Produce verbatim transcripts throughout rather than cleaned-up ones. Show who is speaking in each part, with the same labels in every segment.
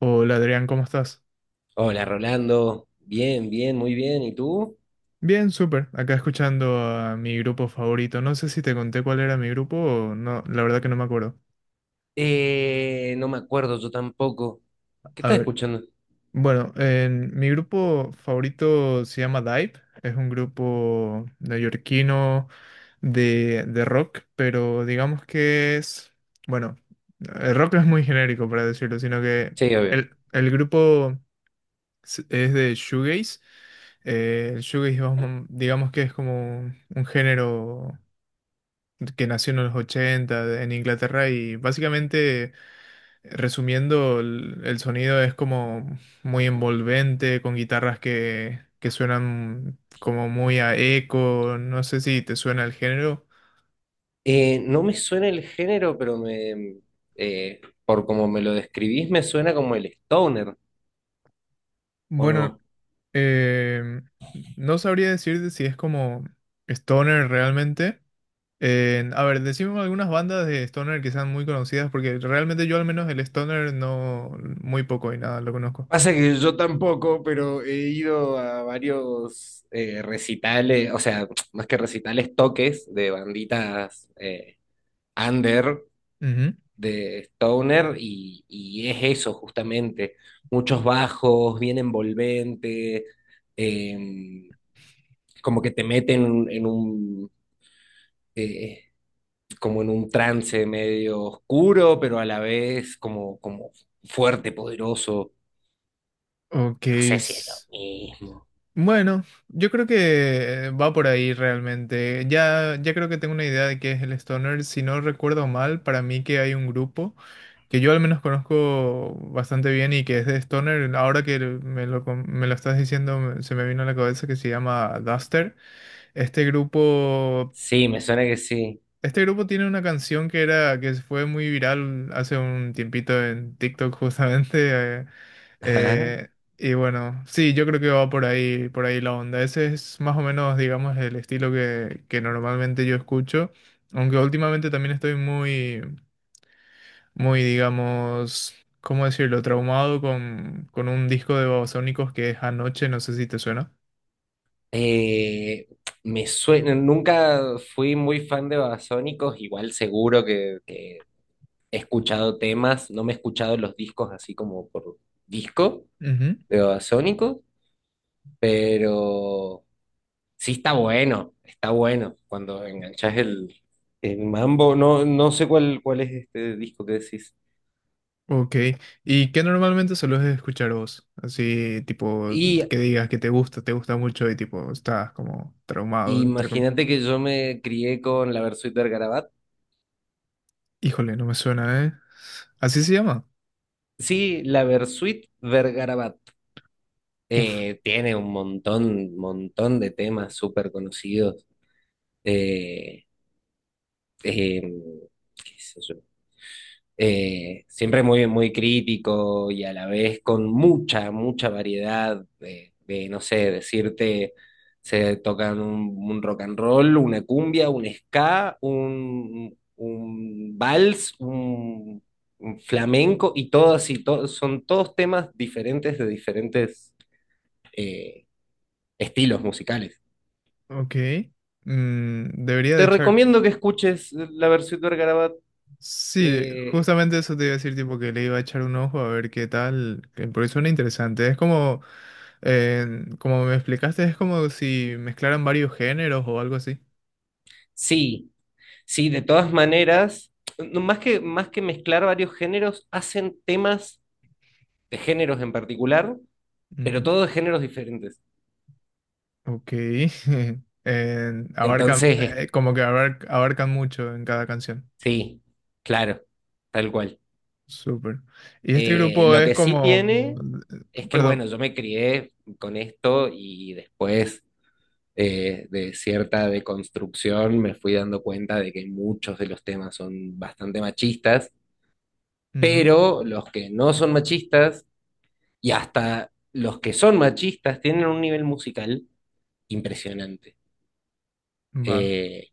Speaker 1: Hola Adrián, ¿cómo estás?
Speaker 2: Hola Rolando, bien, bien, muy bien. ¿Y tú?
Speaker 1: Bien, súper. Acá escuchando a mi grupo favorito. No sé si te conté cuál era mi grupo o no, la verdad que no me acuerdo.
Speaker 2: Eh, no me acuerdo yo tampoco. ¿Qué
Speaker 1: A
Speaker 2: estás
Speaker 1: ver,
Speaker 2: escuchando?
Speaker 1: bueno, en- mi grupo favorito se llama Dive. Es un grupo neoyorquino de, de rock, pero digamos que es, bueno, el rock no es muy genérico para decirlo, sino que
Speaker 2: Sí, obvio.
Speaker 1: el, el grupo s- es de shoegaze. Eh, el shoegaze, vamos, digamos que es como un género que nació en los ochenta en Inglaterra y básicamente, resumiendo, el, el sonido es como muy envolvente, con guitarras que, que suenan como muy a eco, no sé si te suena el género.
Speaker 2: Eh, no me suena el género, pero me, eh, por como me lo describís, me suena como el stoner, ¿o
Speaker 1: Bueno,
Speaker 2: no?
Speaker 1: eh, no sabría decirte si es como stoner realmente. Eh, a ver, decime algunas bandas de stoner que sean muy conocidas, porque realmente yo al menos el stoner no, muy poco y nada, lo conozco.
Speaker 2: Pasa que yo tampoco, pero he ido a varios eh, recitales, o sea, más que recitales, toques de banditas eh, under
Speaker 1: Ujú.
Speaker 2: de stoner y, y es eso justamente, muchos bajos, bien envolvente, eh, como que te meten en un, eh, como en un trance medio oscuro, pero a la vez como, como fuerte, poderoso.
Speaker 1: Ok,
Speaker 2: No sé si es lo
Speaker 1: s-
Speaker 2: mismo.
Speaker 1: bueno, yo creo que eh, va por ahí realmente. Ya, ya creo que tengo una idea de qué es el stoner. Si no recuerdo mal, para mí que hay un grupo que yo al menos conozco bastante bien y que es de stoner. Ahora que me lo, com- me lo estás diciendo, me- se me vino a la cabeza que se llama Duster. Este grupo
Speaker 2: Sí, me suena que sí.
Speaker 1: este grupo tiene una canción que era, que fue muy viral hace un tiempito en TikTok justamente. eh,
Speaker 2: Ajá.
Speaker 1: eh, y bueno, sí, yo creo que va por ahí, por ahí la onda. Ese es más o menos, digamos, el estilo que, que normalmente yo escucho. Aunque últimamente también estoy muy, muy, digamos, ¿cómo decirlo? Traumado con, con un disco de Babasónicos que es Anoche, no sé si te suena.
Speaker 2: Eh, Me suena, nunca fui muy fan de Babasónicos, igual seguro que, que he escuchado temas, no me he escuchado los discos así como por disco
Speaker 1: Ujú.
Speaker 2: de Babasónicos, pero sí está bueno, está bueno cuando enganchas el, el mambo, no, no sé cuál, cuál es este disco que decís.
Speaker 1: Ok, ¿y qué normalmente sueles escuchar vos? Así, tipo,
Speaker 2: Y
Speaker 1: que digas que te gusta, te gusta mucho y tipo, estás como traumado, entre com-
Speaker 2: imagínate que yo me crié con la Versuit Vergarabat.
Speaker 1: Híjole, no me suena, ¿eh? ¿Así se llama?
Speaker 2: Sí, la Versuit Vergarabat
Speaker 1: Uf,
Speaker 2: eh, tiene un montón, montón de temas súper conocidos. Eh, em, qué sé yo. Eh, siempre muy, muy crítico y a la vez con mucha, mucha variedad de, de, no sé, decirte, se tocan un, un rock and roll, una cumbia, un ska, un, un vals, un, un flamenco y todas y to- son todos temas diferentes de diferentes eh, estilos musicales.
Speaker 1: ok. Mm, debería de
Speaker 2: Te
Speaker 1: echar...
Speaker 2: recomiendo que escuches la versión de Garabat.
Speaker 1: Sí,
Speaker 2: eh,
Speaker 1: justamente eso te iba a decir, tipo, que le iba a echar un ojo a ver qué tal, que- porque suena interesante. Es como, eh, como me explicaste, es como si mezclaran varios géneros o algo así.
Speaker 2: sí, Sí, de todas maneras, no, más que, más que mezclar varios géneros, hacen temas de géneros en particular, pero todos de géneros diferentes.
Speaker 1: Ok. Eh, abarcan,
Speaker 2: Entonces, es-
Speaker 1: eh, como que abar- abarcan mucho en cada canción.
Speaker 2: sí, claro, tal cual.
Speaker 1: Súper. Y este
Speaker 2: Eh,
Speaker 1: grupo
Speaker 2: lo
Speaker 1: es
Speaker 2: que sí
Speaker 1: como...
Speaker 2: tiene
Speaker 1: eh,
Speaker 2: es que,
Speaker 1: Perdón.
Speaker 2: bueno, yo me crié con esto y después eh, de cierta deconstrucción me fui dando cuenta de que muchos de los temas son bastante machistas,
Speaker 1: Ujú.
Speaker 2: pero los que no son machistas. Y hasta los que son machistas tienen un nivel musical impresionante.
Speaker 1: Va.
Speaker 2: Eh,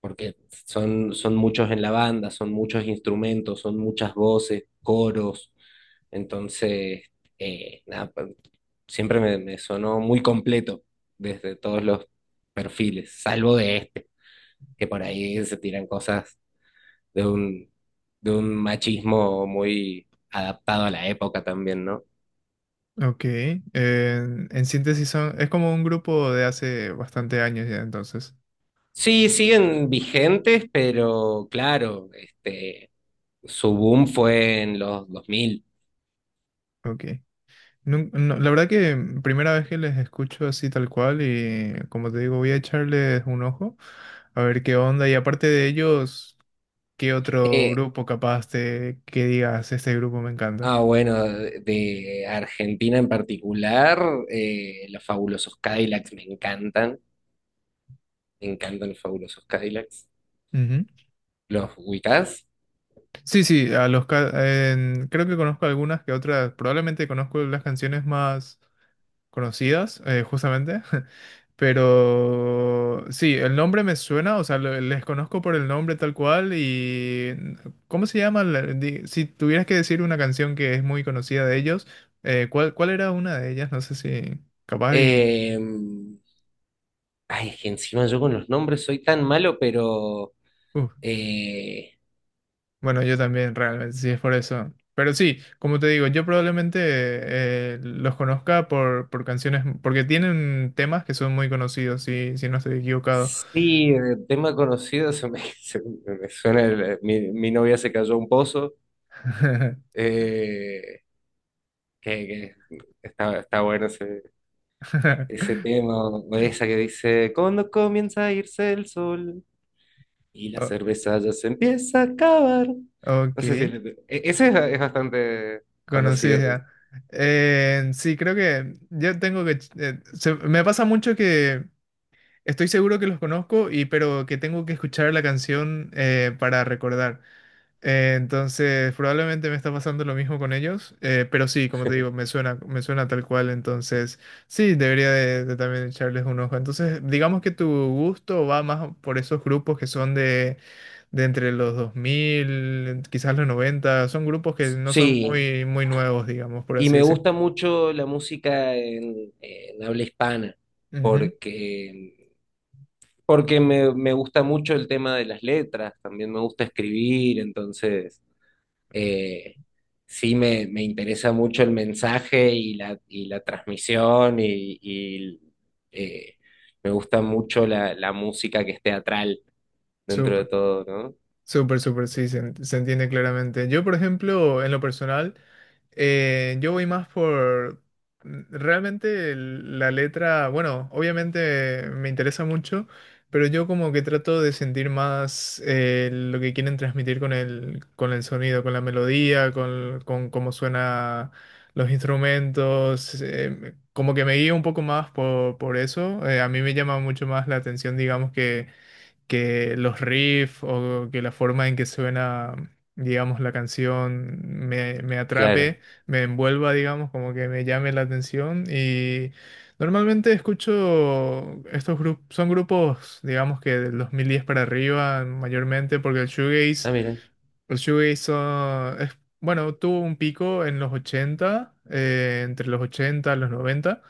Speaker 2: Porque son, son muchos en la banda, son muchos instrumentos, son muchas voces, coros. Entonces, eh, nada, pa- siempre me, me sonó muy completo desde todos los perfiles, salvo de este, que por ahí se tiran cosas de un, de un machismo muy adaptado a la época también, ¿no?
Speaker 1: Ok. Eh, en síntesis son, es como un grupo de hace bastante años ya entonces.
Speaker 2: Sí, siguen vigentes, pero claro, este, su boom fue en los dos mil.
Speaker 1: Ok. Nun- no, la verdad que primera vez que les escucho así tal cual y como te digo voy a echarles un ojo a ver qué onda y aparte de ellos, ¿qué otro
Speaker 2: Eh,
Speaker 1: grupo capaz te que digas este grupo me encanta?
Speaker 2: ah, bueno, de Argentina en particular, eh, los fabulosos Cadillacs me encantan, me encantan los fabulosos Cadillacs.
Speaker 1: Ujú.
Speaker 2: ¿Los ubicás?
Speaker 1: Sí, sí, a los ca- en- creo que conozco algunas que otras, probablemente conozco las canciones más conocidas, eh, justamente, pero sí, el nombre me suena, o sea, lo- les conozco por el nombre tal cual y ¿cómo se llama? la- di- Si tuvieras que decir una canción que es muy conocida de ellos, eh, ¿cuál, cuál era una de ellas? No sé si capaz y...
Speaker 2: Eh, ay, es que encima yo con los nombres soy tan malo, pero
Speaker 1: uh.
Speaker 2: eh,
Speaker 1: Bueno, yo también, realmente, sí, es por eso. Pero sí, como te digo, yo probablemente eh, los conozca por, por canciones, porque tienen temas que son muy conocidos, si, si no estoy equivocado.
Speaker 2: sí, el tema conocido se me, se me suena, el- mi mi novia se cayó a un pozo. Eh, que, que está, está bueno ese, ese tema, o esa que dice, cuando comienza a irse el sol y la cerveza ya se empieza a acabar. No
Speaker 1: Ok,
Speaker 2: sé si... le- e- ese es, es bastante conocido.
Speaker 1: conocida. Eh, sí, creo que yo tengo que... eh, se- me pasa mucho que estoy seguro que los conozco, y, pero que tengo que escuchar la canción eh, para recordar. Eh, entonces, probablemente me está pasando lo mismo con ellos, eh, pero sí, como te digo, me suena, me suena tal cual, entonces sí, debería de, de también echarles un ojo. Entonces, digamos que tu gusto va más por esos grupos que son de, de entre los dos mil, quizás los noventa, son grupos que no son
Speaker 2: Sí,
Speaker 1: muy, muy nuevos, digamos, por
Speaker 2: y
Speaker 1: así
Speaker 2: me
Speaker 1: decirlo.
Speaker 2: gusta mucho la música en, en habla hispana,
Speaker 1: Ujú.
Speaker 2: porque, porque me, me gusta mucho el tema de las letras, también me gusta escribir, entonces... eh, sí me, me interesa mucho el mensaje y la, y la transmisión y, y, eh, me gusta mucho la, la música que es teatral dentro de
Speaker 1: Súper.
Speaker 2: todo, ¿no?
Speaker 1: Súper, súper, sí, se, en- se entiende claramente. Yo, por ejemplo, en lo personal, eh, yo voy más por mm, realmente el- la letra, bueno, obviamente me interesa mucho, pero yo como que trato de sentir más eh, lo que quieren transmitir con el, con el sonido, con la melodía, con, con cómo suena los instrumentos, eh, como que me guío un poco más por, por eso. Eh, a mí me llama mucho más la atención, digamos que que los riffs o que la forma en que suena, digamos, la canción me, me
Speaker 2: Claro.
Speaker 1: atrape, me envuelva, digamos, como que me llame la atención. Y normalmente escucho estos grupos, son grupos, digamos, que del dos mil diez para arriba, mayormente, porque el shoegaze,
Speaker 2: Ah, mira.
Speaker 1: el shoegaze son- es, bueno, tuvo un pico en los ochenta, eh, entre los ochenta y los noventa.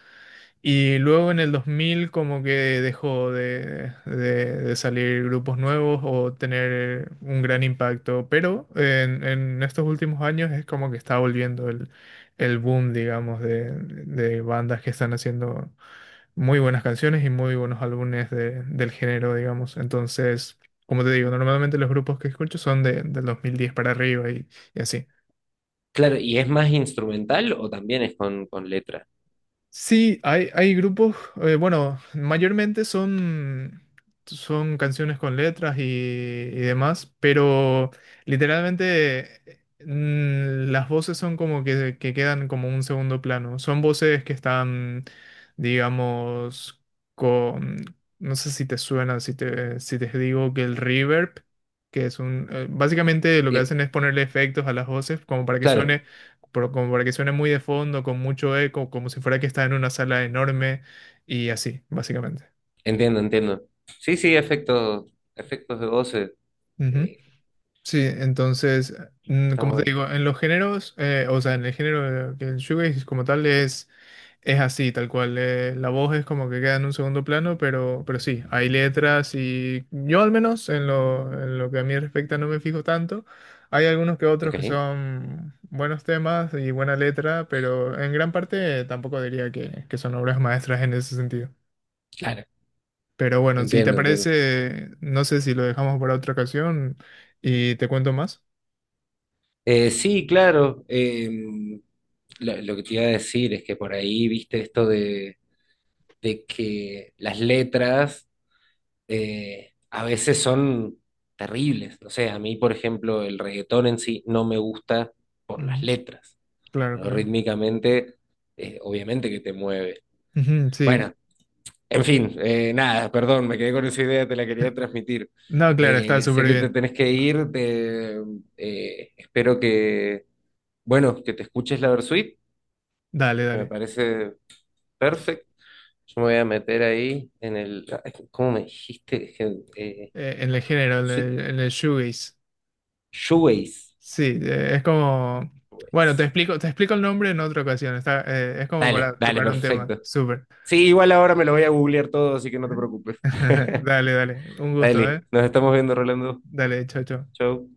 Speaker 1: Y luego en el dos mil como que dejó de, de- de salir grupos nuevos o tener un gran impacto, pero en, en estos últimos años es como que está volviendo el, el boom, digamos, de, de bandas que están haciendo muy buenas canciones y muy buenos álbumes de- del género, digamos. Entonces, como te digo, normalmente los grupos que escucho son de, del dos mil diez para arriba y, y así.
Speaker 2: Claro, ¿y es más instrumental o también es con, con letra?
Speaker 1: Sí, hay, hay grupos, eh, bueno, mayormente son, son canciones con letras y, y demás, pero literalmente eh, mm, las voces son como que, que quedan como un segundo plano. Son voces que están, digamos, con, no sé si te suena, si te, si te digo que el reverb, que es un, eh, básicamente lo que hacen
Speaker 2: Eh,
Speaker 1: es ponerle efectos a las voces como para que
Speaker 2: claro,
Speaker 1: suene pero como para que suene muy de fondo, con mucho eco, como si fuera que está en una sala enorme y así, básicamente.
Speaker 2: entiendo, entiendo. Sí, sí, efectos, efectos de voces. eh,
Speaker 1: Sí, entonces, mm,
Speaker 2: está
Speaker 1: como te
Speaker 2: bueno.
Speaker 1: digo, en los géneros, eh, o sea, en el género que el shoegaze como tal es, es así, tal cual. Eh, la voz es como que queda en un segundo plano, pero, pero sí, hay letras y yo al menos en lo, en lo que a mí respecta no me fijo tanto. Hay algunos que otros que
Speaker 2: Ok.
Speaker 1: son buenos temas y buena letra, pero en gran parte tampoco diría que, que son obras maestras en ese sentido.
Speaker 2: Claro.
Speaker 1: Pero bueno, si te
Speaker 2: Entiendo, entiendo.
Speaker 1: parece, no sé si lo dejamos para otra ocasión y te cuento más.
Speaker 2: Eh, sí, claro. em, lo, lo que te iba a decir es que por ahí viste esto de, de que las letras eh, a veces son terribles. No sé, a mí, por ejemplo, el reggaetón en sí no me gusta por las
Speaker 1: Ujú.
Speaker 2: letras.
Speaker 1: Claro,
Speaker 2: Pero
Speaker 1: claro.
Speaker 2: rítmicamente, eh, obviamente que te mueve.
Speaker 1: Ujú, sí.
Speaker 2: Bueno, en fin, eh, nada, perdón, me quedé con esa idea, te la quería transmitir.
Speaker 1: No, claro, está
Speaker 2: Eh, sé
Speaker 1: súper
Speaker 2: que te
Speaker 1: bien.
Speaker 2: tenés que ir, te, eh, espero que bueno, que te escuches la Versuit,
Speaker 1: Dale,
Speaker 2: que me
Speaker 1: dale.
Speaker 2: parece perfecto. Yo me voy a meter ahí en el. Ay, ¿cómo me dijiste? Es que, Eh,
Speaker 1: Eh, en el género, en
Speaker 2: sui-
Speaker 1: el, en el shoegaze.
Speaker 2: shoegaze.
Speaker 1: Sí, eh, es como... Bueno, te
Speaker 2: Shoegaze.
Speaker 1: explico, te explico el nombre en otra ocasión. Está, eh, es como
Speaker 2: Dale,
Speaker 1: para
Speaker 2: dale,
Speaker 1: tocar un tema.
Speaker 2: perfecto.
Speaker 1: Súper.
Speaker 2: Sí, igual ahora me lo voy a googlear todo, así que no te preocupes.
Speaker 1: Dale, dale. Un gusto, ¿eh?
Speaker 2: Dale, nos estamos viendo, Rolando.
Speaker 1: Dale, chao, chao.
Speaker 2: Chau.